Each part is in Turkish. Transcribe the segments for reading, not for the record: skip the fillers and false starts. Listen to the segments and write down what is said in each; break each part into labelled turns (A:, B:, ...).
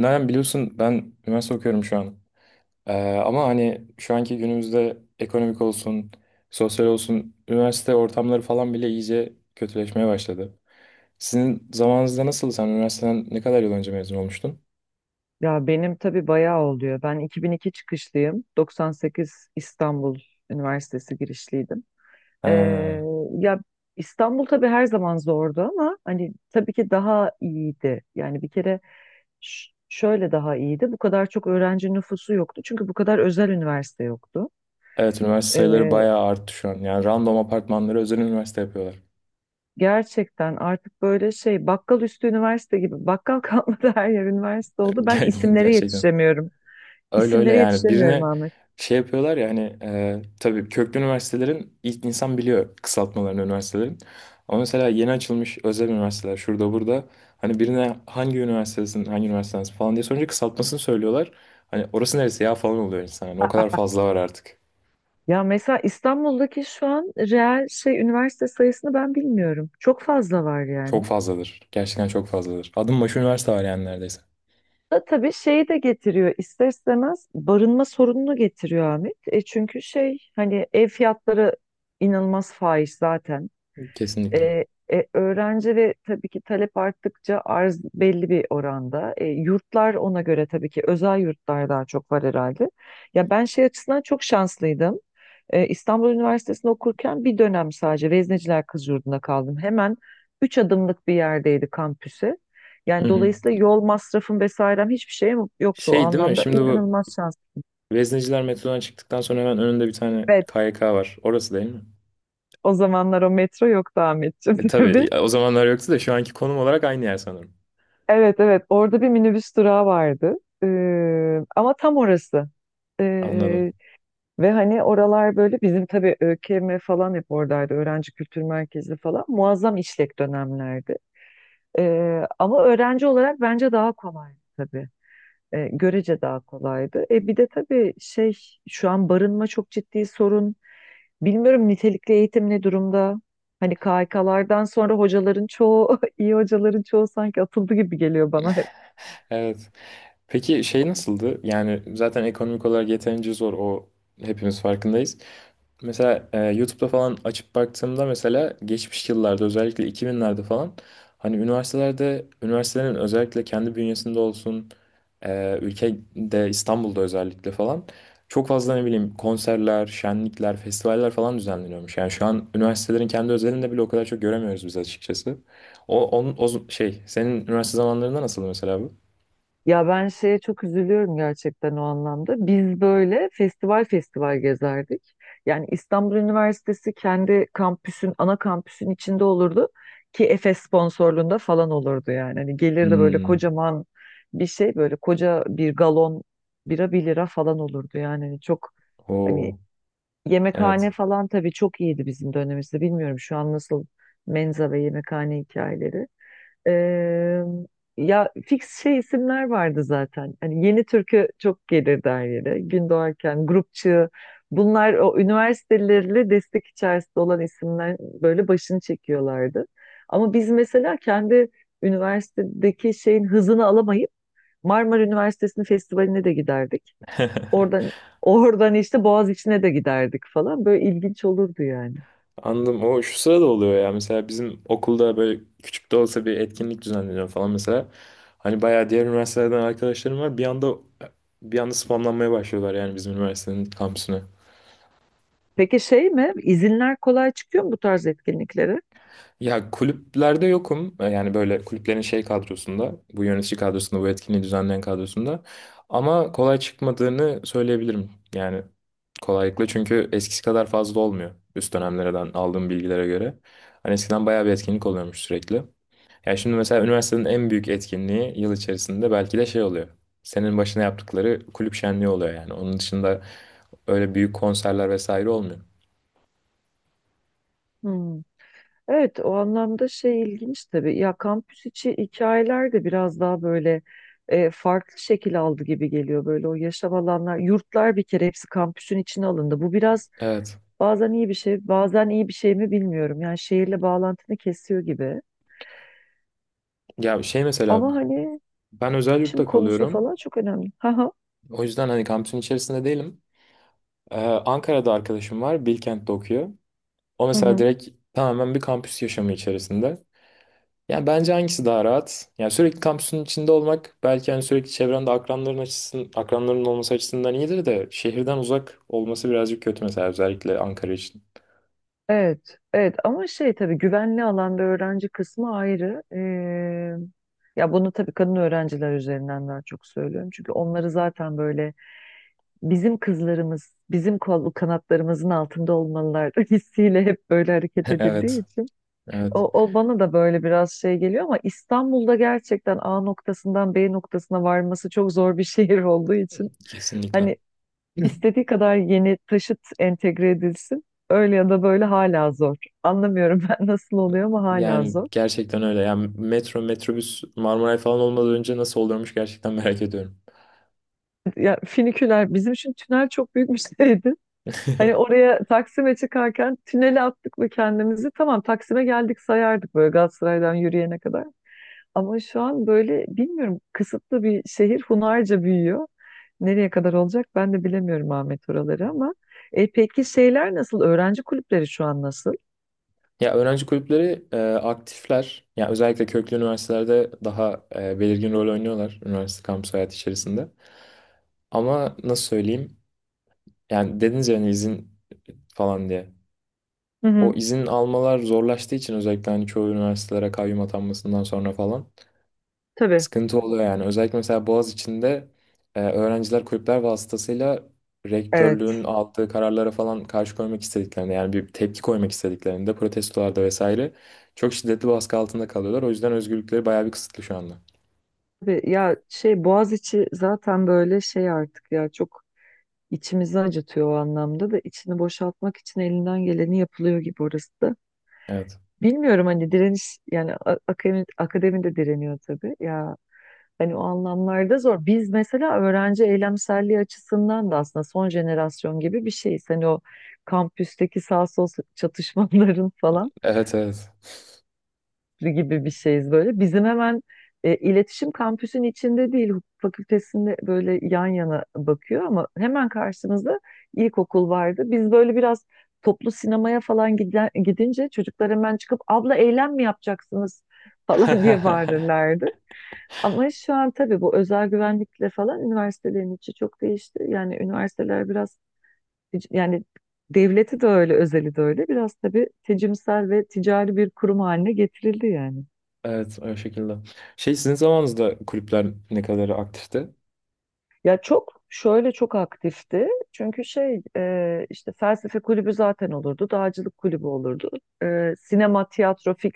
A: Nalan, biliyorsun ben üniversite okuyorum şu an. Ee, ama hani şu anki günümüzde ekonomik olsun, sosyal olsun, üniversite ortamları falan bile iyice kötüleşmeye başladı. Sizin zamanınızda nasıl? Sen üniversiteden ne kadar yıl önce mezun olmuştun?
B: Ya benim tabii bayağı oluyor. Ben 2002 çıkışlıyım. 98 İstanbul Üniversitesi girişliydim. Ee,
A: Ha,
B: ya İstanbul tabii her zaman zordu ama hani tabii ki daha iyiydi. Yani bir kere şöyle daha iyiydi. Bu kadar çok öğrenci nüfusu yoktu. Çünkü bu kadar özel üniversite yoktu.
A: evet, üniversite sayıları
B: Ee,
A: bayağı arttı şu an. Yani random apartmanları özel üniversite yapıyorlar.
B: Gerçekten artık böyle şey bakkal üstü üniversite gibi bakkal kalmadı her yer üniversite oldu. Ben isimlere
A: Gerçekten.
B: yetişemiyorum.
A: Öyle öyle,
B: İsimlere
A: yani
B: yetişemiyorum.
A: birine şey yapıyorlar ya, hani tabii köklü üniversitelerin ilk insan biliyor kısaltmalarını üniversitelerin. Ama mesela yeni açılmış özel üniversiteler şurada burada hani birine hangi üniversitesin hangi üniversitesin falan diye sorunca kısaltmasını söylüyorlar. Hani orası neresi ya falan oluyor insan. Hani o kadar fazla var artık.
B: Ya mesela İstanbul'daki şu an reel şey üniversite sayısını ben bilmiyorum. Çok fazla var
A: Çok
B: yani.
A: fazladır. Gerçekten çok fazladır. Adım başı üniversite var yani neredeyse.
B: Da tabii şeyi de getiriyor, ister istemez barınma sorununu getiriyor Ahmet. E çünkü şey hani ev fiyatları inanılmaz fahiş zaten.
A: Kesinlikle.
B: E, Öğrenci ve tabii ki talep arttıkça arz belli bir oranda. Yurtlar ona göre tabii ki özel yurtlar daha çok var herhalde. Ya ben şey açısından çok şanslıydım. İstanbul Üniversitesi'nde okurken bir dönem sadece Vezneciler Kız Yurdu'nda kaldım. Hemen 3 adımlık bir yerdeydi kampüsü.
A: Hı
B: Yani
A: hı.
B: dolayısıyla yol masrafım vesairem hiçbir şeyim yoktu o
A: Şey değil mi?
B: anlamda.
A: Şimdi bu
B: İnanılmaz şans.
A: Vezneciler metrodan çıktıktan sonra hemen önünde bir tane
B: Evet,
A: KYK var. Orası değil mi?
B: o zamanlar o metro yoktu Ahmetciğim.
A: E, tabii o zamanlar yoktu da şu anki konum olarak aynı yer sanırım.
B: Evet, evet, orada bir minibüs durağı vardı. Ama tam orası.
A: Anladım.
B: Ee, Ve hani oralar böyle bizim tabii ÖKM falan hep oradaydı. Öğrenci Kültür Merkezi falan. Muazzam işlek dönemlerdi. Ama öğrenci olarak bence daha kolaydı tabii. Görece daha kolaydı. Bir de tabii şey şu an barınma çok ciddi sorun. Bilmiyorum, nitelikli eğitim ne durumda? Hani KHK'lardan sonra hocaların çoğu, iyi hocaların çoğu sanki atıldı gibi geliyor bana.
A: Evet. Peki şey nasıldı? Yani zaten ekonomik olarak yeterince zor, o hepimiz farkındayız. Mesela YouTube'da falan açıp baktığımda mesela geçmiş yıllarda özellikle 2000'lerde falan hani üniversitelerde üniversitelerin özellikle kendi bünyesinde olsun, ülkede İstanbul'da özellikle falan çok fazla ne bileyim konserler, şenlikler, festivaller falan düzenleniyormuş. Yani şu an üniversitelerin kendi özelinde bile o kadar çok göremiyoruz biz açıkçası. O, onun, o z- şey senin üniversite zamanlarında nasıldı mesela bu?
B: Ya ben şeye çok üzülüyorum gerçekten o anlamda. Biz böyle festival festival gezerdik. Yani İstanbul Üniversitesi kendi kampüsün, ana kampüsün içinde olurdu ki Efes sponsorluğunda falan olurdu yani. Hani gelirdi böyle
A: Hmm,
B: kocaman bir şey, böyle koca bir galon bira 1 lira falan olurdu yani. Hani çok hani
A: o
B: yemekhane
A: evet.
B: falan tabii çok iyiydi bizim dönemimizde. Bilmiyorum şu an nasıl menza ve yemekhane hikayeleri. Eee, Ya fix şey isimler vardı zaten. Hani yeni türkü çok gelirdi her yere. Gün doğarken, grupçı. Bunlar o üniversitelerle destek içerisinde olan isimler böyle başını çekiyorlardı. Ama biz mesela kendi üniversitedeki şeyin hızını alamayıp Marmara Üniversitesi'nin festivaline de giderdik. Oradan oradan işte Boğaziçi'ne de giderdik falan. Böyle ilginç olurdu yani.
A: Anladım. O şu sırada oluyor ya. Mesela bizim okulda böyle küçük de olsa bir etkinlik düzenleniyor falan mesela. Hani bayağı diğer üniversitelerden arkadaşlarım var. Bir anda spamlanmaya başlıyorlar yani bizim üniversitenin kampüsüne.
B: Peki şey mi? İzinler kolay çıkıyor mu bu tarz etkinliklere?
A: Ya kulüplerde yokum. Yani böyle kulüplerin şey kadrosunda, bu yönetici kadrosunda, bu etkinliği düzenleyen kadrosunda. Ama kolay çıkmadığını söyleyebilirim. Yani kolaylıkla çünkü eskisi kadar fazla olmuyor. Üst dönemlerden aldığım bilgilere göre. Hani eskiden bayağı bir etkinlik oluyormuş sürekli. Yani şimdi mesela üniversitenin en büyük etkinliği yıl içerisinde belki de şey oluyor. Senin başına yaptıkları kulüp şenliği oluyor yani. Onun dışında öyle büyük konserler vesaire olmuyor.
B: Hmm. Evet, o anlamda şey ilginç tabii. Ya kampüs içi hikayeler de biraz daha böyle farklı şekil aldı gibi geliyor. Böyle o yaşam alanlar, yurtlar, bir kere hepsi kampüsün içine alındı. Bu biraz
A: Evet.
B: bazen iyi bir şey, bazen iyi bir şey mi bilmiyorum. Yani şehirle bağlantını kesiyor gibi.
A: Ya şey mesela
B: Ama hani
A: ben özel
B: şimdi
A: yurtta
B: konusu
A: kalıyorum.
B: falan çok önemli. Haha.
A: O yüzden hani kampüsün içerisinde değilim. Ankara'da arkadaşım var. Bilkent'te okuyor. O mesela direkt tamamen bir kampüs yaşamı içerisinde. Yani bence hangisi daha rahat? Yani sürekli kampüsün içinde olmak belki hani sürekli çevrende akranların açısın, akranların olması açısından iyidir de şehirden uzak olması birazcık kötü mesela özellikle Ankara için.
B: Evet, evet ama şey tabii güvenli alanda öğrenci kısmı ayrı. Ya bunu tabii kadın öğrenciler üzerinden daha çok söylüyorum. Çünkü onları zaten böyle bizim kızlarımız, bizim kol kanatlarımızın altında olmalılar hissiyle hep böyle hareket edildiği
A: Evet,
B: için.
A: evet.
B: O bana da böyle biraz şey geliyor ama İstanbul'da gerçekten A noktasından B noktasına varması çok zor bir şehir olduğu için.
A: Kesinlikle.
B: Hani İstediği kadar yeni taşıt entegre edilsin. Öyle ya da böyle hala zor. Anlamıyorum ben nasıl oluyor ama hala
A: Yani
B: zor.
A: gerçekten öyle. Yani metro, metrobüs, Marmaray falan olmadan önce nasıl oluyormuş gerçekten merak ediyorum.
B: Ya finiküler bizim için tünel çok büyük bir şeydi. Hani oraya Taksim'e çıkarken tünele attık mı kendimizi tamam Taksim'e geldik sayardık böyle Galatasaray'dan yürüyene kadar. Ama şu an böyle bilmiyorum, kısıtlı bir şehir, hunharca büyüyor. Nereye kadar olacak ben de bilemiyorum Ahmet oraları ama. Peki şeyler nasıl? Öğrenci kulüpleri şu an nasıl?
A: Ya öğrenci kulüpleri aktifler. Ya özellikle köklü üniversitelerde daha belirgin rol oynuyorlar üniversite kampüs hayatı içerisinde. Ama nasıl söyleyeyim? Yani dediniz yani izin falan diye.
B: Hı
A: O
B: hı,
A: izin almalar zorlaştığı için özellikle hani çoğu üniversitelere kayyum atanmasından sonra falan
B: tabii.
A: sıkıntı oluyor yani. Özellikle mesela Boğaziçi'nde öğrenciler kulüpler vasıtasıyla
B: Evet.
A: rektörlüğün aldığı kararlara falan karşı koymak istediklerinde yani bir tepki koymak istediklerinde protestolarda vesaire çok şiddetli baskı altında kalıyorlar. O yüzden özgürlükleri bayağı bir kısıtlı şu anda.
B: Tabii ya şey Boğaziçi zaten böyle şey artık ya çok içimizi acıtıyor o anlamda da, içini boşaltmak için elinden geleni yapılıyor gibi orası da.
A: Evet.
B: Bilmiyorum hani direniş yani akademi de direniyor tabii ya, hani o anlamlarda zor. Biz mesela öğrenci eylemselliği açısından da aslında son jenerasyon gibi bir şeyiz. Hani o kampüsteki sağ sol çatışmaların falan.
A: Evet, evet.
B: Gibi bir şeyiz böyle. Bizim hemen iletişim kampüsün içinde değil, hukuk fakültesinde böyle yan yana bakıyor ama hemen karşımızda ilkokul vardı. Biz böyle biraz toplu sinemaya falan giden, gidince çocuklar hemen çıkıp abla eylem mi yapacaksınız falan diye bağırırlardı. Ama şu an tabii bu özel güvenlikle falan üniversitelerin içi çok değişti. Yani üniversiteler biraz yani devleti de öyle, özeli de öyle. Biraz tabii tecimsel ve ticari bir kurum haline getirildi yani.
A: Evet, o şekilde. Şey sizin zamanınızda kulüpler ne kadar aktifti?
B: Ya çok şöyle çok aktifti. Çünkü şey işte felsefe kulübü zaten olurdu. Dağcılık kulübü olurdu. E, sinema, tiyatro fix.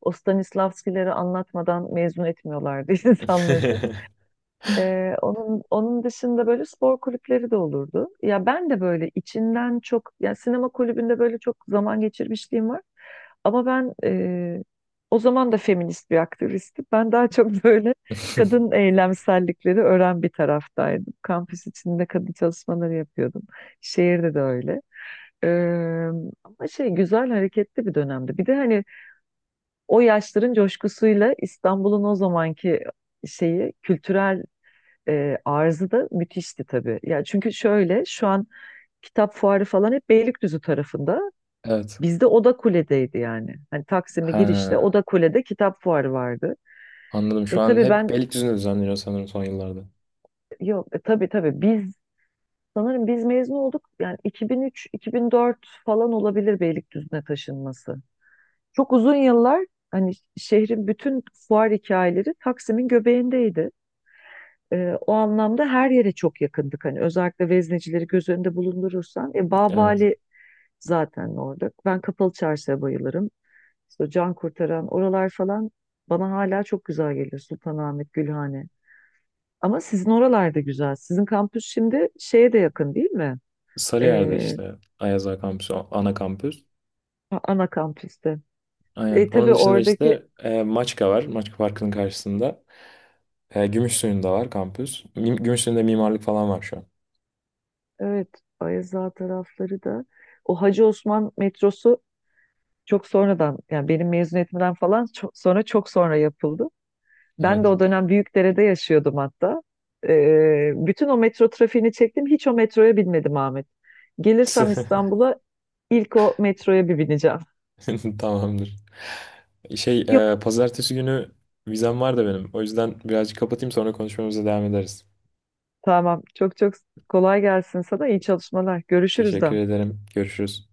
B: O Stanislavskileri anlatmadan mezun etmiyorlardı insanları. Onun dışında böyle spor kulüpleri de olurdu. Ya ben de böyle içinden çok yani sinema kulübünde böyle çok zaman geçirmişliğim var. Ama ben o zaman da feminist bir aktivistim. Ben daha çok böyle kadın eylemsellikleri öğren bir taraftaydım. Kampüs içinde kadın çalışmaları yapıyordum. Şehirde de öyle. Ee, Ama şey güzel hareketli bir dönemdi. Bir de hani o yaşların coşkusuyla İstanbul'un o zamanki şeyi kültürel arzı da müthişti tabii. Yani çünkü şöyle şu an kitap fuarı falan hep Beylikdüzü tarafında.
A: Evet.
B: Bizde Oda Kule'deydi yani. Hani Taksim'e
A: Ha,
B: girişte Oda Kule'de kitap fuarı vardı.
A: anladım. Şu
B: E
A: an
B: tabii
A: hep
B: ben
A: Beylikdüzü'nde düzenleniyor sanırım son yıllarda.
B: yok tabii tabii biz sanırım biz mezun olduk. Yani 2003-2004 falan olabilir Beylikdüzü'ne taşınması. Çok uzun yıllar hani şehrin bütün fuar hikayeleri Taksim'in göbeğindeydi. O anlamda her yere çok yakındık. Hani özellikle veznecileri göz önünde bulundurursan,
A: Evet.
B: Babali zaten orada. Ben Kapalı Çarşı'ya bayılırım. İşte Can Kurtaran oralar falan bana hala çok güzel geliyor. Sultanahmet, Gülhane. Ama sizin oralar da güzel. Sizin kampüs şimdi şeye de yakın değil mi?
A: Sarıyer'de
B: Ee,
A: işte Ayaz Ağa Kampüsü, ana kampüs.
B: Ana kampüste.
A: Aynen.
B: E tabii
A: Onun dışında
B: oradaki,
A: işte Maçka var. Maçka Parkı'nın karşısında. E, Gümüşsuyu'nda var kampüs. Gümüşsuyu'nda mimarlık falan var şu an.
B: evet, Ayaza tarafları da o Hacı Osman metrosu çok sonradan yani benim mezuniyetimden falan çok, sonra çok sonra yapıldı. Ben
A: Evet.
B: de o dönem Büyükdere'de yaşıyordum hatta. Bütün o metro trafiğini çektim. Hiç o metroya binmedim Ahmet. Gelirsem İstanbul'a ilk o metroya bir bineceğim.
A: Tamamdır. Şey,
B: Yok,
A: pazartesi günü vizem var da benim. O yüzden birazcık kapatayım, sonra konuşmamıza devam ederiz.
B: tamam. Çok çok kolay gelsin sana. İyi çalışmalar. Görüşürüz de.
A: Teşekkür ederim. Görüşürüz.